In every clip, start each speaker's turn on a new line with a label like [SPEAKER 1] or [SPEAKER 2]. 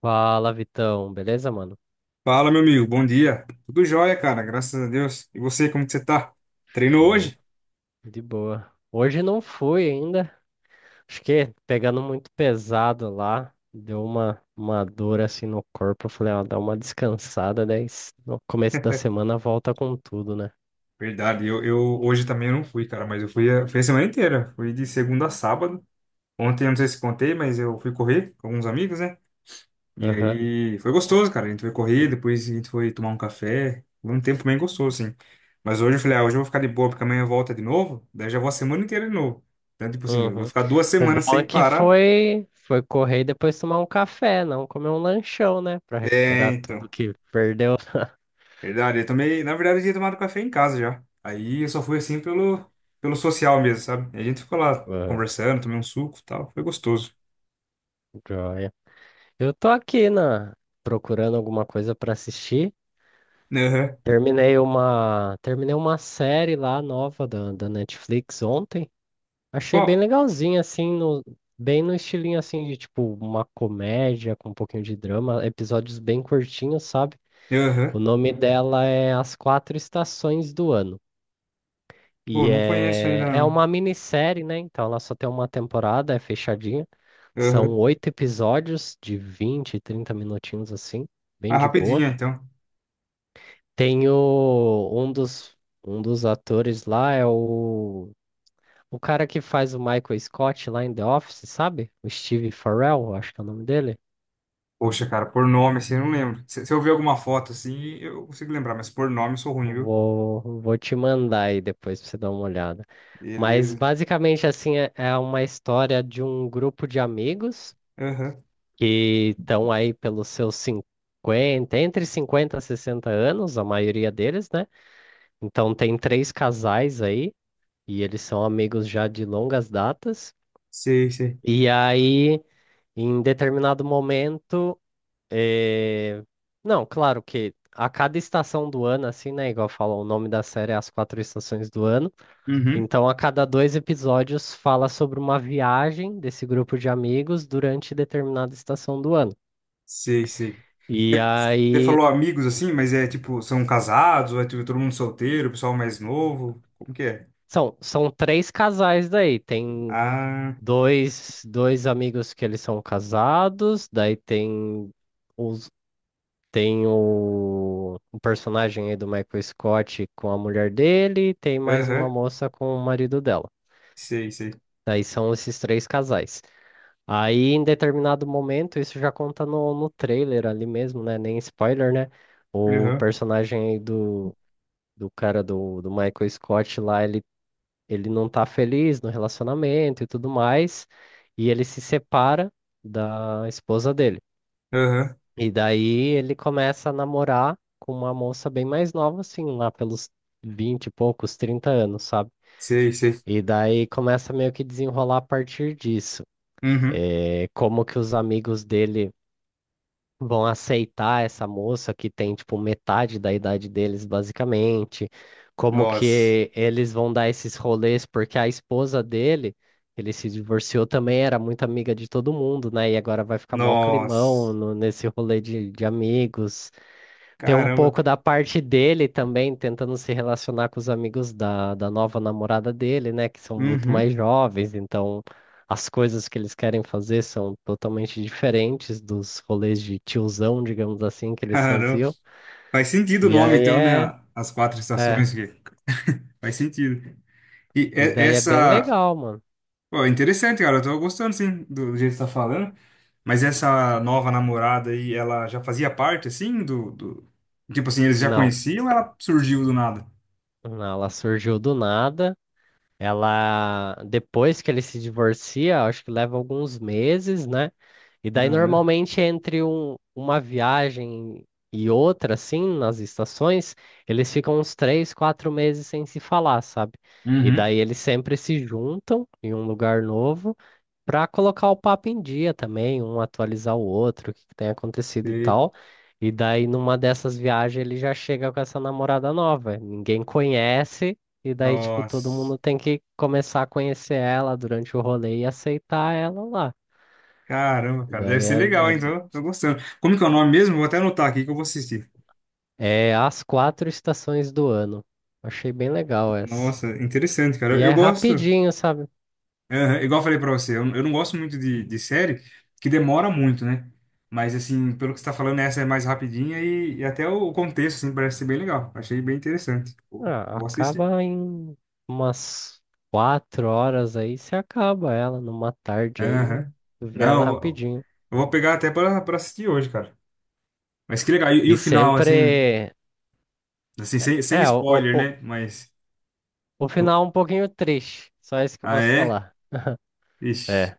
[SPEAKER 1] Fala, Vitão. Beleza, mano?
[SPEAKER 2] Fala, meu amigo, bom dia. Tudo jóia, cara, graças a Deus. E você, como que você tá? Treinou
[SPEAKER 1] Show.
[SPEAKER 2] hoje?
[SPEAKER 1] De boa. Hoje não fui ainda. Acho que pegando muito pesado lá. Deu uma dor assim no corpo. Eu Falei, ó, dá uma descansada. Daí no começo da semana volta com tudo, né?
[SPEAKER 2] Verdade, eu hoje também eu não fui, cara, mas fui a semana inteira. Fui de segunda a sábado. Ontem, eu não sei se contei, mas eu fui correr com alguns amigos, né? E
[SPEAKER 1] Aham.
[SPEAKER 2] aí foi gostoso, cara. A gente foi correr, depois a gente foi tomar um café. Foi um tempo bem gostoso, assim. Mas hoje eu falei, ah, hoje eu vou ficar de boa, porque amanhã volta de novo. Daí já vou a semana inteira de novo. Então, tipo assim, eu vou
[SPEAKER 1] Uhum.
[SPEAKER 2] ficar duas
[SPEAKER 1] O
[SPEAKER 2] semanas
[SPEAKER 1] bom é
[SPEAKER 2] sem
[SPEAKER 1] que
[SPEAKER 2] parar.
[SPEAKER 1] foi correr e depois tomar um café, não comer um lanchão, né? Pra
[SPEAKER 2] É,
[SPEAKER 1] recuperar tudo
[SPEAKER 2] então.
[SPEAKER 1] que perdeu.
[SPEAKER 2] Verdade, eu tomei. Na verdade, eu tinha tomado café em casa já. Aí eu só fui assim pelo social mesmo, sabe? A gente ficou lá
[SPEAKER 1] Aham,
[SPEAKER 2] conversando, tomei um suco e tal. Foi gostoso.
[SPEAKER 1] joia. Eu tô procurando alguma coisa pra assistir.
[SPEAKER 2] Aham.
[SPEAKER 1] Terminei uma série lá nova da Netflix ontem. Achei bem
[SPEAKER 2] Bom,
[SPEAKER 1] legalzinha, bem no estilinho assim de tipo uma comédia com um pouquinho de drama, episódios bem curtinhos, sabe?
[SPEAKER 2] aham.
[SPEAKER 1] O nome dela é As Quatro Estações do Ano.
[SPEAKER 2] Pô, não conheço ainda
[SPEAKER 1] É
[SPEAKER 2] não.
[SPEAKER 1] uma minissérie, né? Então ela só tem uma temporada, é fechadinha. São
[SPEAKER 2] Aham.
[SPEAKER 1] oito episódios de 20, 30 minutinhos assim, bem
[SPEAKER 2] Ah,
[SPEAKER 1] de
[SPEAKER 2] rapidinho
[SPEAKER 1] boa.
[SPEAKER 2] então.
[SPEAKER 1] Tem o, um dos atores lá o cara que faz o Michael Scott lá em The Office, sabe? O Steve Farrell, acho que é o nome dele.
[SPEAKER 2] Poxa, cara, por nome assim, eu não lembro. Se eu ver alguma foto assim, eu consigo lembrar, mas por nome eu sou ruim, viu?
[SPEAKER 1] Vou te mandar aí depois pra você dar uma olhada. Mas
[SPEAKER 2] Beleza.
[SPEAKER 1] basicamente assim é uma história de um grupo de amigos
[SPEAKER 2] Aham.
[SPEAKER 1] que estão aí pelos seus cinquenta, entre 50 e 60 anos, a maioria deles, né? Então tem três casais aí e eles são amigos já de longas datas.
[SPEAKER 2] Sei, sei.
[SPEAKER 1] E aí, em determinado momento, eh, não, claro que a cada estação do ano, assim, né? Igual falam, o nome da série é As Quatro Estações do Ano.
[SPEAKER 2] Uhum.
[SPEAKER 1] Então, a cada dois episódios fala sobre uma viagem desse grupo de amigos durante determinada estação do ano.
[SPEAKER 2] Sei, sei.
[SPEAKER 1] E
[SPEAKER 2] Mas Você
[SPEAKER 1] aí,
[SPEAKER 2] falou amigos assim, mas é tipo, são casados, ou é tipo, todo mundo solteiro, pessoal mais novo? Como que é?
[SPEAKER 1] são três casais daí. Tem
[SPEAKER 2] Ah,
[SPEAKER 1] dois amigos que eles são casados, daí tem os. Tem o personagem aí do Michael Scott com a mulher dele, tem mais uma
[SPEAKER 2] aham,
[SPEAKER 1] moça com o marido dela.
[SPEAKER 2] sei, sei.
[SPEAKER 1] Daí são esses três casais. Aí, em determinado momento, isso já conta no trailer ali mesmo, né? Nem spoiler, né? O
[SPEAKER 2] Aham,
[SPEAKER 1] personagem aí do, do cara do Michael Scott lá, ele não tá feliz no relacionamento e tudo mais, e ele se separa da esposa dele.
[SPEAKER 2] aham,
[SPEAKER 1] E daí ele começa a namorar com uma moça bem mais nova, assim, lá pelos 20 e poucos, 30 anos, sabe?
[SPEAKER 2] sei, sei.
[SPEAKER 1] E daí começa meio que desenrolar a partir disso.
[SPEAKER 2] Uhum.
[SPEAKER 1] É, como que os amigos dele vão aceitar essa moça que tem, tipo, metade da idade deles, basicamente. Como
[SPEAKER 2] Nossa,
[SPEAKER 1] que eles vão dar esses rolês, porque a esposa dele, ele se divorciou também, era muito amiga de todo mundo, né? E agora vai ficar mó climão
[SPEAKER 2] nossa,
[SPEAKER 1] nesse rolê de amigos. Tem um
[SPEAKER 2] caramba.
[SPEAKER 1] pouco da parte dele também, tentando se relacionar com os amigos da nova namorada dele, né? Que são muito
[SPEAKER 2] Uhum,
[SPEAKER 1] mais jovens, então as coisas que eles querem fazer são totalmente diferentes dos rolês de tiozão, digamos assim, que eles
[SPEAKER 2] caramba.
[SPEAKER 1] faziam.
[SPEAKER 2] Faz sentido o
[SPEAKER 1] E
[SPEAKER 2] nome,
[SPEAKER 1] aí
[SPEAKER 2] então, né?
[SPEAKER 1] é,
[SPEAKER 2] As quatro
[SPEAKER 1] é,
[SPEAKER 2] estações que faz sentido. E
[SPEAKER 1] e
[SPEAKER 2] é-
[SPEAKER 1] daí é bem
[SPEAKER 2] essa,
[SPEAKER 1] legal, mano.
[SPEAKER 2] pô, é interessante, cara. Eu tô gostando, sim, do jeito que você tá falando. Mas essa nova namorada aí, ela já fazia parte, assim, do... Tipo assim, eles já
[SPEAKER 1] Não,
[SPEAKER 2] conheciam ou ela surgiu do nada?
[SPEAKER 1] não, ela surgiu do nada. Ela, depois que ele se divorcia, acho que leva alguns meses, né? E daí,
[SPEAKER 2] Aham.
[SPEAKER 1] normalmente, entre uma viagem e outra, assim, nas estações, eles ficam uns três, quatro meses sem se falar, sabe? E
[SPEAKER 2] Uhum.
[SPEAKER 1] daí eles sempre se juntam em um lugar novo para colocar o papo em dia também, um atualizar o outro, o que que tem acontecido e
[SPEAKER 2] Sei.
[SPEAKER 1] tal. E daí, numa dessas viagens, ele já chega com essa namorada nova. Ninguém conhece, e daí, tipo, todo
[SPEAKER 2] Nossa.
[SPEAKER 1] mundo tem que começar a conhecer ela durante o rolê e aceitar ela lá.
[SPEAKER 2] Caramba, cara. Deve
[SPEAKER 1] Daí
[SPEAKER 2] ser
[SPEAKER 1] é,
[SPEAKER 2] legal, hein?
[SPEAKER 1] é
[SPEAKER 2] Tô, tô gostando. Como que é o nome mesmo? Vou até anotar aqui que eu vou assistir.
[SPEAKER 1] É as quatro estações do ano. Achei bem legal essa.
[SPEAKER 2] Nossa, interessante, cara.
[SPEAKER 1] E é
[SPEAKER 2] Eu gosto...
[SPEAKER 1] rapidinho, sabe?
[SPEAKER 2] Aham, Igual eu falei pra você, eu não gosto muito de série que demora muito, né? Mas, assim, pelo que você tá falando, essa é mais rapidinha e até o contexto, assim, parece ser bem legal. Achei bem interessante.
[SPEAKER 1] Ah,
[SPEAKER 2] Vou assistir.
[SPEAKER 1] acaba em umas quatro horas aí, você acaba ela numa tarde aí,
[SPEAKER 2] Aham.
[SPEAKER 1] vê
[SPEAKER 2] Não,
[SPEAKER 1] ela rapidinho.
[SPEAKER 2] eu vou pegar até pra, pra assistir hoje, cara. Mas que legal. E
[SPEAKER 1] E
[SPEAKER 2] o final, assim,
[SPEAKER 1] sempre.
[SPEAKER 2] assim, sem, sem
[SPEAKER 1] É, o, o,
[SPEAKER 2] spoiler,
[SPEAKER 1] o,
[SPEAKER 2] né? Mas.
[SPEAKER 1] o final é um pouquinho triste. Só isso que eu
[SPEAKER 2] Ah,
[SPEAKER 1] posso
[SPEAKER 2] é?
[SPEAKER 1] falar.
[SPEAKER 2] Ixi.
[SPEAKER 1] É,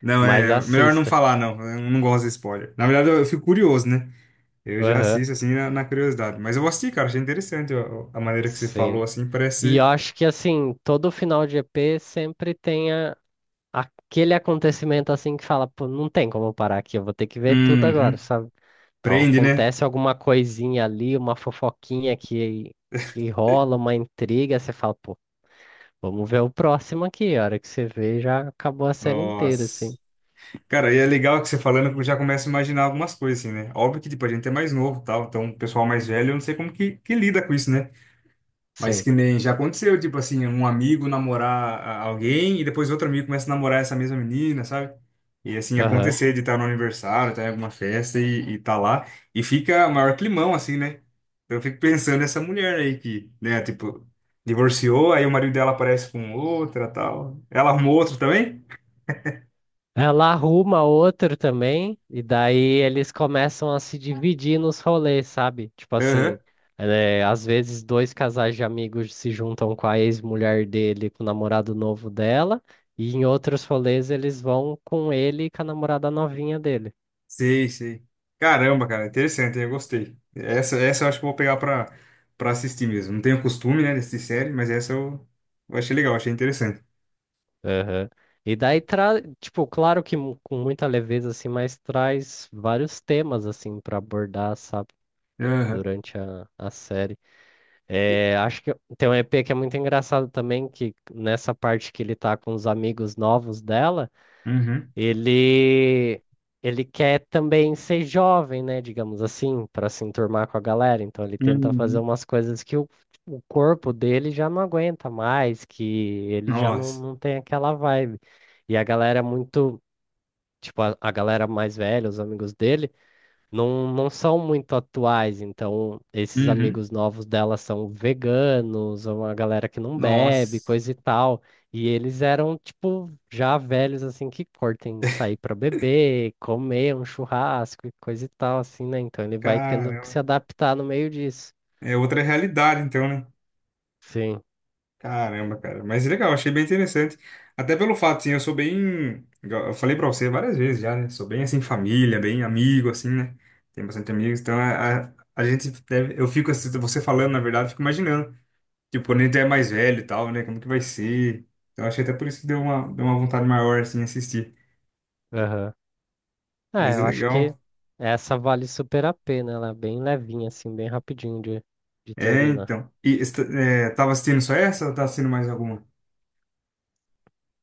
[SPEAKER 2] Não,
[SPEAKER 1] mas
[SPEAKER 2] é. Melhor não
[SPEAKER 1] assista.
[SPEAKER 2] falar, não. Eu não gosto de spoiler. Na verdade, eu fico curioso, né? Eu já
[SPEAKER 1] Aham,
[SPEAKER 2] assisto, assim, na, na curiosidade. Mas eu vou assistir, cara. Achei interessante a maneira que você
[SPEAKER 1] sim.
[SPEAKER 2] falou, assim.
[SPEAKER 1] E
[SPEAKER 2] Parece.
[SPEAKER 1] eu acho que assim, todo final de EP sempre tem aquele acontecimento assim que fala, pô, não tem como eu parar aqui, eu vou ter que ver tudo agora,
[SPEAKER 2] Uhum.
[SPEAKER 1] sabe? Então
[SPEAKER 2] Prende, né?
[SPEAKER 1] acontece alguma coisinha ali, uma fofoquinha que rola, uma intriga, você fala, pô, vamos ver o próximo aqui. A hora que você vê, já acabou a série inteira,
[SPEAKER 2] Nossa.
[SPEAKER 1] assim.
[SPEAKER 2] Cara, e é legal que você falando que eu já começo a imaginar algumas coisas, assim, né? Óbvio que, tipo, a gente é mais novo, e tal, então o pessoal mais velho, eu não sei que lida com isso, né? Mas
[SPEAKER 1] Sim.
[SPEAKER 2] que nem já aconteceu, tipo assim, um amigo namorar a- alguém e depois outro amigo começa a namorar essa mesma menina, sabe? E assim,
[SPEAKER 1] Aham.
[SPEAKER 2] acontecer de estar no aniversário, estar em alguma festa e tá lá, e fica maior climão, assim, né? Então eu fico pensando nessa mulher aí que, né, tipo, divorciou, aí o marido dela aparece com outra, tal. Ela arrumou outro também?
[SPEAKER 1] Ela arruma outro também, e daí eles começam a se dividir nos rolês, sabe? Tipo
[SPEAKER 2] Aham.
[SPEAKER 1] assim, é, às vezes dois casais de amigos se juntam com a ex-mulher dele, com o namorado novo dela, e em outros rolês eles vão com ele e com a namorada novinha dele.
[SPEAKER 2] Sei, sei. Caramba, cara, interessante, eu gostei. Essa eu acho que eu vou pegar pra, pra assistir mesmo. Não tenho costume, né, de assistir série, mas eu achei legal, achei interessante.
[SPEAKER 1] Aham. E daí traz, tipo, claro que com muita leveza, assim, mas traz vários temas, assim, pra abordar, sabe?
[SPEAKER 2] Aham.
[SPEAKER 1] Durante a série.
[SPEAKER 2] E-
[SPEAKER 1] É, acho que tem um EP que é muito engraçado também, que nessa parte que ele tá com os amigos novos dela,
[SPEAKER 2] uhum.
[SPEAKER 1] ele ele quer também ser jovem, né, digamos assim, para se enturmar com a galera. Então ele tenta fazer
[SPEAKER 2] Uhum.
[SPEAKER 1] umas coisas que o corpo dele já não aguenta mais, que ele já
[SPEAKER 2] Nossa.
[SPEAKER 1] não tem aquela vibe. E a galera é muito, tipo, a galera mais velha, os amigos dele não são muito atuais, então esses
[SPEAKER 2] Uhum.
[SPEAKER 1] amigos novos dela são veganos, ou uma galera que não bebe,
[SPEAKER 2] Nossa.
[SPEAKER 1] coisa e tal. E eles eram, tipo, já velhos, assim, que curtem sair pra beber, comer um churrasco e coisa e tal, assim, né? Então ele vai tendo que
[SPEAKER 2] Caramba.
[SPEAKER 1] se adaptar no meio disso.
[SPEAKER 2] É outra realidade, então, né?
[SPEAKER 1] Sim,
[SPEAKER 2] Caramba, cara. Mas legal, achei bem interessante. Até pelo fato, assim, eu sou bem. Igual Eu falei pra você várias vezes já, né? Sou bem, assim, família, bem amigo, assim, né? Tenho bastante amigos. Então, a gente deve. Eu fico, assim, você falando, na verdade, eu fico imaginando. Tipo, quando a gente é mais velho e tal, né? Como que vai ser? Então, achei até por isso que deu uma vontade maior, assim, assistir.
[SPEAKER 1] aham. É,
[SPEAKER 2] Mas é
[SPEAKER 1] eu acho que
[SPEAKER 2] legal.
[SPEAKER 1] essa vale super a pena, ela é bem levinha, assim, bem rapidinho de
[SPEAKER 2] É,
[SPEAKER 1] terminar.
[SPEAKER 2] então. E esta- é, tava assistindo só essa ou tá assistindo mais alguma?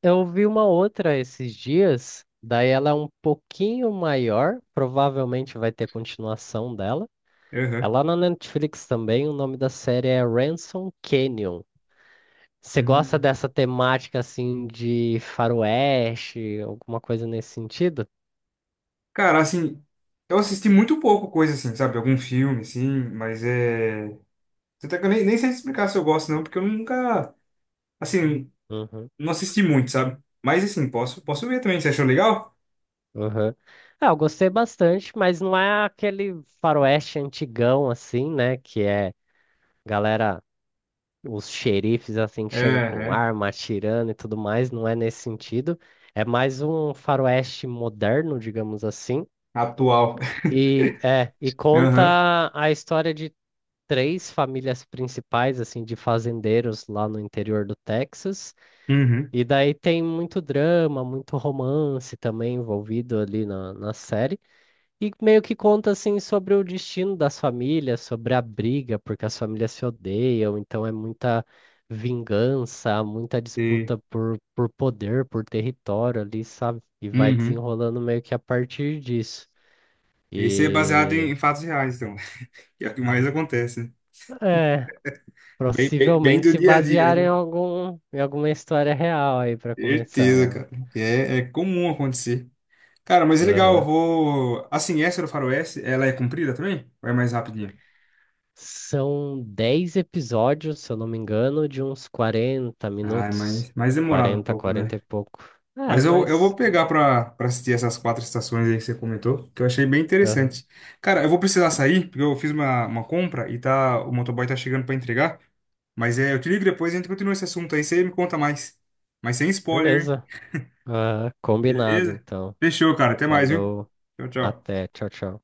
[SPEAKER 1] Eu ouvi uma outra esses dias, daí ela é um pouquinho maior, provavelmente vai ter continuação dela.
[SPEAKER 2] Aham.
[SPEAKER 1] Ela na Netflix também, o nome da série é Ransom Canyon. Você gosta
[SPEAKER 2] Hum.
[SPEAKER 1] dessa temática assim de faroeste, alguma coisa nesse sentido?
[SPEAKER 2] Cara, assim, eu assisti muito pouco coisa assim, sabe? Algum filme, assim, mas é. Até que eu nem sei explicar se eu gosto, não, porque eu nunca, assim,
[SPEAKER 1] Uhum,
[SPEAKER 2] não assisti muito, sabe? Mas assim, posso ver também. Você achou legal?
[SPEAKER 1] uhum. Ah, eu gostei bastante, mas não é aquele faroeste antigão assim, né, que é galera, os xerifes assim que
[SPEAKER 2] É,
[SPEAKER 1] chega com
[SPEAKER 2] é.
[SPEAKER 1] arma atirando e tudo mais, não é nesse sentido. É mais um faroeste moderno, digamos assim.
[SPEAKER 2] Atual.
[SPEAKER 1] E é, e
[SPEAKER 2] Aham.
[SPEAKER 1] conta a história de três famílias principais assim de fazendeiros lá no interior do Texas.
[SPEAKER 2] Uhum.
[SPEAKER 1] E daí tem muito drama, muito romance também envolvido ali na série. E meio que conta assim sobre o destino das famílias, sobre a briga, porque as famílias se odeiam, então é muita vingança, muita
[SPEAKER 2] E,
[SPEAKER 1] disputa por poder, por território ali, sabe? E vai
[SPEAKER 2] uhum.
[SPEAKER 1] desenrolando meio que a partir disso.
[SPEAKER 2] Esse é baseado
[SPEAKER 1] E
[SPEAKER 2] em fatos reais, então. Que é o que mais acontece, né?
[SPEAKER 1] é,
[SPEAKER 2] Bem, bem bem
[SPEAKER 1] possivelmente
[SPEAKER 2] do
[SPEAKER 1] se
[SPEAKER 2] dia a dia,
[SPEAKER 1] basear em
[SPEAKER 2] né?
[SPEAKER 1] algum, em alguma história real aí para começar
[SPEAKER 2] Certeza,
[SPEAKER 1] ela.
[SPEAKER 2] cara. Que é comum acontecer. Cara, mas é legal, eu
[SPEAKER 1] Aham.
[SPEAKER 2] vou. Assim, essa do Faroeste, ela é comprida também? Ou é mais rapidinha?
[SPEAKER 1] São 10 episódios, se eu não me engano, de uns 40
[SPEAKER 2] Ai,
[SPEAKER 1] minutos.
[SPEAKER 2] mas mais demorado um
[SPEAKER 1] Quarenta,
[SPEAKER 2] pouco,
[SPEAKER 1] 40 e
[SPEAKER 2] né?
[SPEAKER 1] pouco. É,
[SPEAKER 2] Mas eu vou
[SPEAKER 1] mas.
[SPEAKER 2] pegar pra, pra assistir essas quatro estações aí que você comentou, que eu achei bem
[SPEAKER 1] Aham.
[SPEAKER 2] interessante. Cara, eu vou precisar sair, porque eu fiz uma compra e tá, o motoboy tá chegando pra entregar. Mas é, eu te ligo depois e a gente continua esse assunto aí, você me conta mais. Mas sem spoiler,
[SPEAKER 1] Beleza. Ah, combinado,
[SPEAKER 2] beleza?
[SPEAKER 1] então.
[SPEAKER 2] Fechou, cara. Até mais, viu?
[SPEAKER 1] Falou.
[SPEAKER 2] Tchau, tchau.
[SPEAKER 1] Até. Tchau, tchau.